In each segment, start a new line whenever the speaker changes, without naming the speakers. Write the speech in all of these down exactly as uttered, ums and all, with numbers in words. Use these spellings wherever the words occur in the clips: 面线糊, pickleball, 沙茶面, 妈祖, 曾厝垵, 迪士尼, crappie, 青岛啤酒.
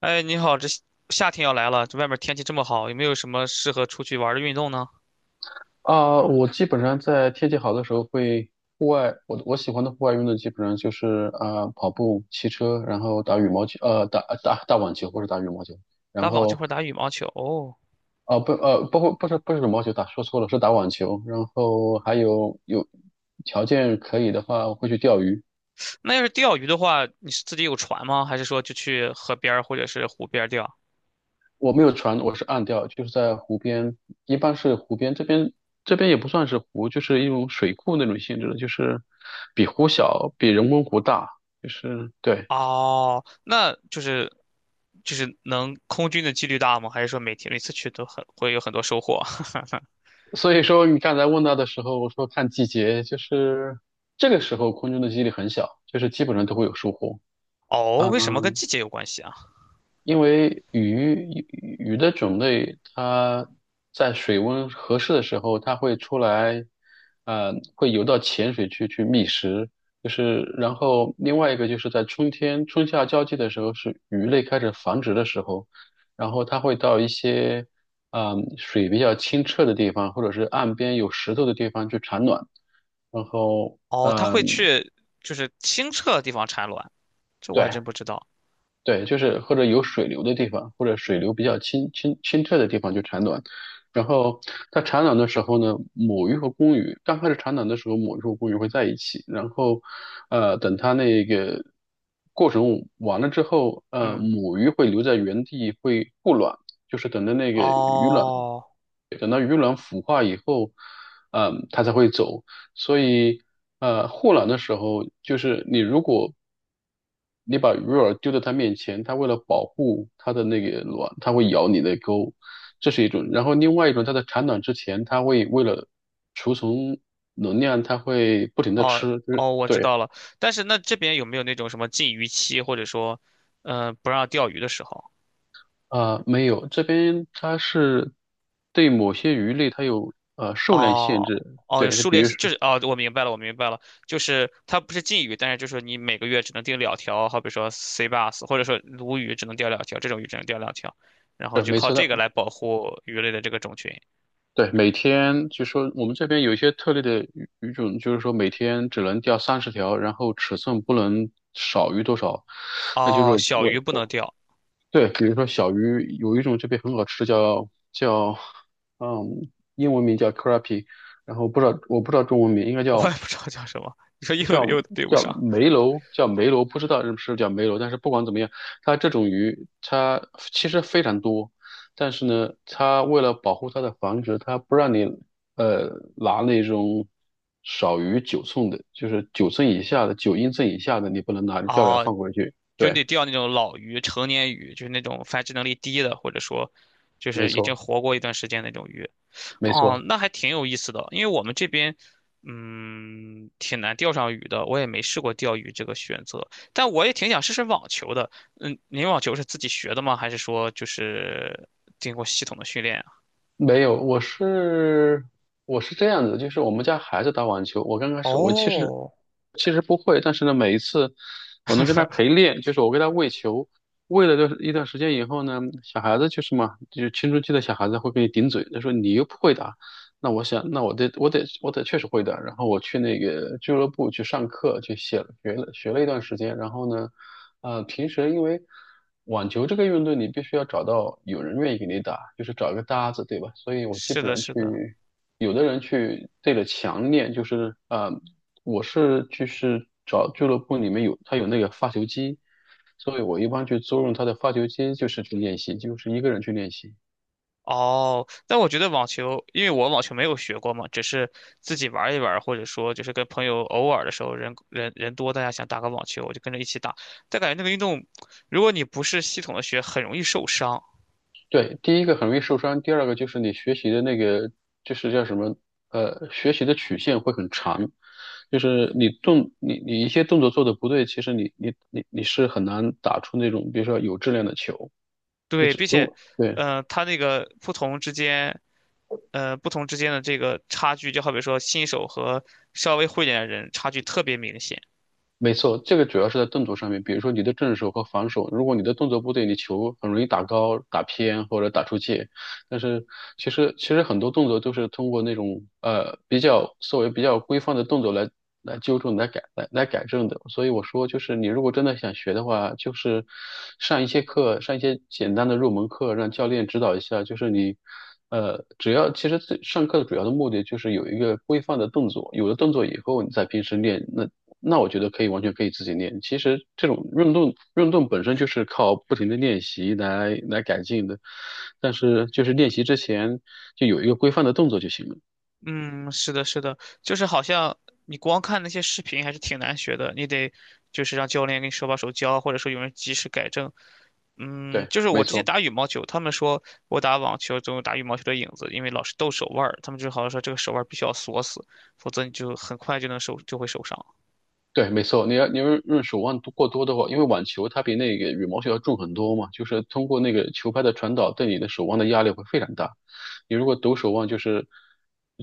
哎，你好，这夏天要来了，这外面天气这么好，有没有什么适合出去玩的运动呢？
啊，我基本上在天气好的时候会户外。我我喜欢的户外运动基本上就是啊、跑步、骑车，然后打羽毛球，呃打打打网球或者打羽毛球。
打
然
网球
后
或者打羽毛球？哦，
啊、不呃包括不是不是羽毛球，打说错了，是打网球。然后还有有条件可以的话会去钓鱼。
那要是钓鱼的话，你是自己有船吗？还是说就去河边儿或者是湖边儿钓？
我没有船，我是岸钓，就是在湖边，一般是湖边这边这边也不算是湖，就是一种水库那种性质的，就是比湖小，比人工湖大，就是对。
哦，那就是就是能空军的几率大吗？还是说每天每次去都很会有很多收获？
所以说，你刚才问到的时候，我说看季节，就是这个时候空中的几率很小，就是基本上都会有疏忽。
哦，
啊
为什么跟季节有关系啊？
因为鱼鱼鱼的种类，它在水温合适的时候，它会出来，呃，会游到浅水区去觅食。就是，然后另外一个就是在春天春夏交际的时候，是鱼类开始繁殖的时候，然后它会到一些，嗯、水比较清澈的地方，或者是岸边有石头的地方去产卵。然后，
哦，它会
嗯、
去就是清澈的地方产卵，这我还
对，
真不知道。
对，就是或者有水流的地方，或者水流比较清清清澈的地方就产卵。然后它产卵的时候呢，母鱼和公鱼刚开始产卵的时候，母鱼和公鱼会在一起。然后，呃，等它那个过程完了之后，呃，
嗯，
母鱼会留在原地，会护卵，就是等着那个鱼卵。
哦。
等到鱼卵孵化以后，嗯，它才会走。所以，呃，护卵的时候，就是你如果你把鱼饵丢在它面前，它为了保护它的那个卵，它会咬你的钩，这是一种。然后另外一种，它在产卵之前，它会为了储存能量，它会不停的
哦
吃，就是
哦，我知
对。
道了。但是那这边有没有那种什么禁渔期，或者说，嗯、不让钓鱼的时候？
啊、没有，这边它是对某些鱼类它有呃数量
哦
限制。
哦，有
对，就
数
比
列
如
就
说，
是哦，我明白了，我明白了，就是它不是禁渔，但是就是你每个月只能钓两条，好比说 C bass，或者说鲈鱼只能钓两条，这种鱼只能钓两条，然后
呃
就
没
靠
错，
这
的。
个来保护鱼类的这个种群。
对，每天是说我们这边有一些特例的鱼鱼种，就是说每天只能钓三十条，然后尺寸不能少于多少。那就是
哦，小
我，
鱼不能钓，
对，比如说小鱼，有一种这边很好吃，叫叫，嗯，英文名叫 crappie,然后不知道我不知道中文名，应该
我也
叫
不知道叫什么，你说又又对不
叫
上。
梅楼，叫梅楼，不知道是不是叫梅楼。但是不管怎么样，它这种鱼它其实非常多。但是呢，它为了保护它的繁殖，它不让你呃拿那种少于九寸的，就是九寸以下的，九英寸以下的，你不能拿，钓了要
哦，
放回去。
就你
对，
得钓那种老鱼、成年鱼，就是那种繁殖能力低的，或者说就
没
是已经
错，
活过一段时间那种鱼。
没
哦，
错。
那还挺有意思的，因为我们这边嗯挺难钓上鱼的，我也没试过钓鱼这个选择，但我也挺想试试网球的。嗯，您网球是自己学的吗？还是说就是经过系统的训练啊？
没有，我是我是这样子，就是我们家孩子打网球，我刚开始我其实
哦，
其实不会。但是呢，每一次我能跟他陪 练，就是我给他喂球。喂了段一段时间以后呢，小孩子就是嘛，就是青春期的小孩子会跟你顶嘴，他说你又不会打。那我想，那我得我得我得确实会的。然后我去那个俱乐部去上课，去写了学了学了一段时间。然后呢，呃，平时因为网球这个运动，你必须要找到有人愿意给你打，就是找一个搭子，对吧？所以我基
是
本
的，
上
是
去，
的。
有的人去对着墙练，就是呃，我是就是找俱乐部里面有他有那个发球机，所以我一般去租用他的发球机，就是去练习，就是一个人去练习。
哦，但我觉得网球，因为我网球没有学过嘛，只是自己玩一玩，或者说就是跟朋友偶尔的时候人人人多，大家想打个网球，我就跟着一起打。但感觉那个运动，如果你不是系统的学，很容易受伤。
对，第一个很容易受伤，第二个就是你学习的那个，就是叫什么，呃，学习的曲线会很长，就是你动你你一些动作做的不对，其实你你你你是很难打出那种，比如说有质量的球。你
对，
只
并
如
且，
果对。
呃，它那个不同之间，呃，不同之间的这个差距，就好比说新手和稍微会一点的人差距特别明显。
没错，这个主要是在动作上面，比如说你的正手和防守，如果你的动作不对，你球很容易打高、打偏或者打出界。但是其实其实很多动作都是通过那种呃比较所谓比较规范的动作来来纠正、来改、来来改正的。所以我说，就是你如果真的想学的话，就是上一些课，上一些简单的入门课，让教练指导一下，就是你。呃，只要其实最上课的主要的目的就是有一个规范的动作，有了动作以后，你在平时练，那那我觉得可以完全可以自己练。其实这种运动运动本身就是靠不停的练习来来改进的，但是就是练习之前就有一个规范的动作就行了。
嗯，是的，是的，就是好像你光看那些视频还是挺难学的，你得就是让教练给你手把手教，或者说有人及时改正。嗯，
对，
就是
没
我之前
错，
打羽毛球，他们说我打网球总有打羽毛球的影子，因为老是抖手腕儿，他们就好像说这个手腕儿必须要锁死，否则你就很快就能受就会受伤。
对，没错。你要你要用手腕多过多的话，因为网球它比那个羽毛球要重很多嘛，就是通过那个球拍的传导对你的手腕的压力会非常大。你如果抖手腕，就是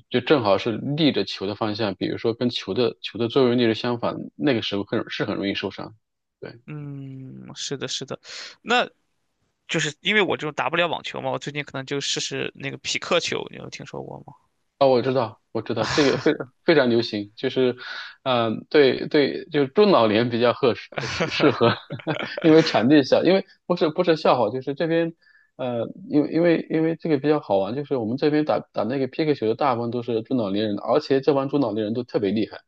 就正好是逆着球的方向，比如说跟球的球的作用力是相反，那个时候很是很容易受伤。对。
嗯，是的，是的，那就是因为我这种打不了网球嘛，我最近可能就试试那个匹克球，你有听说过吗？
哦，我知道，我知道，这个非非常流行，就是，嗯、对对，就是中老年比较合适适适合，因为场地小，因为不是不是笑话，就是这边，呃，因为因为因为这个比较好玩，就是我们这边打打那个皮克球的大部分都是中老年人，而且这帮中老年人都特别厉害，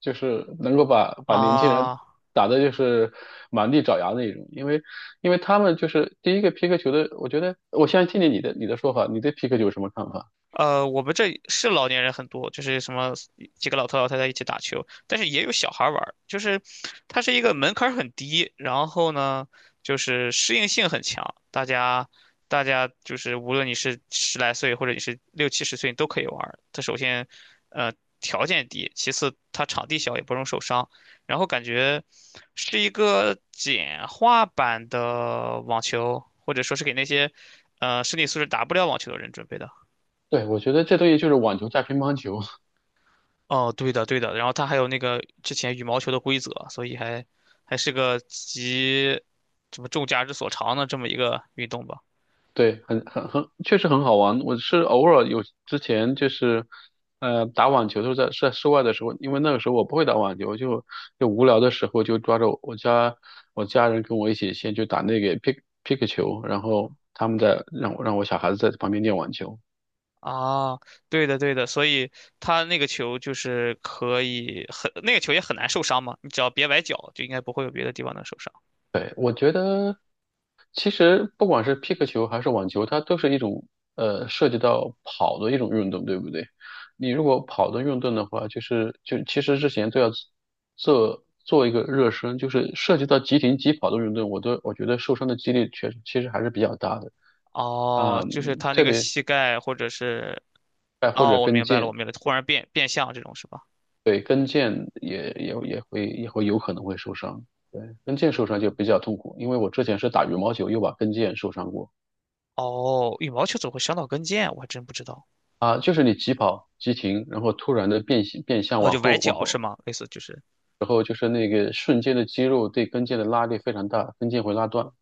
就是能够把把年轻人
啊。
打的就是满地找牙那一种。因为因为他们就是第一个皮克球的，我觉得我先听听你的你的说法，你对皮克球有什么看法？
呃，我们这是老年人很多，就是什么几个老头老太太一起打球，但是也有小孩儿玩儿就是它是一个门槛儿很低，然后呢，就是适应性很强，大家大家就是无论你是十来岁或者你是六七十岁，你都可以玩儿它首先，呃，条件低，其次它场地小，也不容受伤，然后感觉是一个简化版的网球，或者说是给那些呃身体素质打不了网球的人准备的。
对，我觉得这东西就是网球加乒乓球。
哦，对的，对的，然后它还有那个之前羽毛球的规则，所以还还是个集什么众家之所长的这么一个运动吧。
对，很很很，确实很好玩。我是偶尔有之前就是，呃，打网球都是在是在室外的时候，因为那个时候我不会打网球，就就无聊的时候就抓着我我家我家人跟我一起先去打那个 pick pick 球，然后他们在让我让我小孩子在旁边练网球。
啊，对的，对的，所以它那个球就是可以很，那个球也很难受伤嘛，你只要别崴脚，就应该不会有别的地方能受伤。
其实不管是皮克球还是网球，它都是一种呃涉及到跑的一种运动，对不对？你如果跑的运动的话，就是就其实之前都要做做一个热身，就是涉及到急停急跑的运动，我都我觉得受伤的几率确实其实还是比较大的。啊，
哦，就是他那
特
个
别
膝盖或者是，
哎或者
哦，我
跟
明白了，我
腱，
明白了，忽然变变向这种是吧？
对跟腱也也也会也会有可能会受伤。对跟腱受伤就比较痛苦，因为我之前是打羽毛球又把跟腱受伤过。
哦，羽毛球怎么会伤到跟腱？我还真不知道。
啊，就是你急跑、急停，然后突然的变形、变向，
哦，
往
就崴
后、往
脚是
后，
吗？类似就是。
然后就是那个瞬间的肌肉对跟腱的拉力非常大，跟腱会拉断。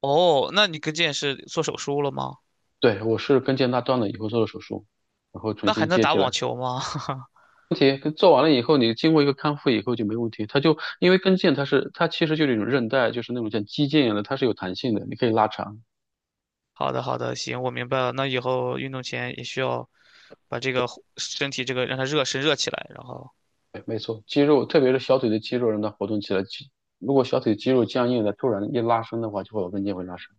哦，那你跟腱是做手术了吗？
对，我是跟腱拉断了以后做的手术，然后
那
重
还
新
能
接
打
起
网
来。
球吗？
问题跟做完了以后，你经过一个康复以后就没问题。它就因为跟腱它是它其实就是一种韧带，就是那种像肌腱一样的，它是有弹性的，你可以拉长。
好的，好的，行，我明白了。那以后运动前也需要把这个身体这个让它热身热起来，然后
对，没错，肌肉特别是小腿的肌肉让它活动起来，肌如果小腿肌肉僵硬的，突然一拉伸的话，就会有跟腱会拉伤。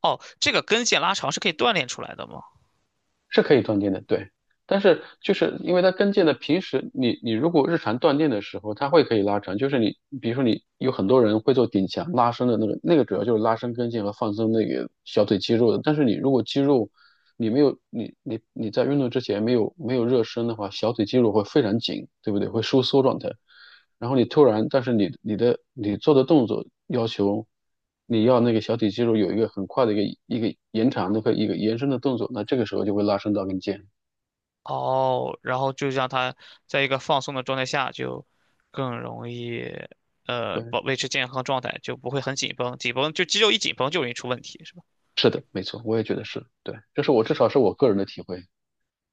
哦，这个跟腱拉长是可以锻炼出来的吗？
是可以断电的，对。但是就是因为它跟腱的，平时你你如果日常断电的时候，它会可以拉长。就是你比如说你有很多人会做顶墙拉伸的那个，那个主要就是拉伸跟腱和放松那个小腿肌肉的。但是你如果肌肉你没有你你你在运动之前没有没有热身的话，小腿肌肉会非常紧，对不对？会收缩状态。然后你突然，但是你你的你做的动作要求你要那个小腿肌肉有一个很快的一个一个延长的和一个延伸的动作，那这个时候就会拉伸到跟腱。
哦，然后就让它在一个放松的状态下，就更容易呃
对，
保维持健康状态，就不会很紧绷，紧绷就肌肉一紧绷就容易出问题。是吧？
是的，没错，我也觉得是对，这是我至少是我个人的体会。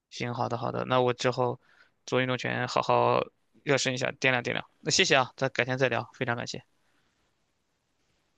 行，好的好的，那我之后做运动前好好热身一下，掂量掂量。那谢谢啊，咱改天再聊，非常感谢。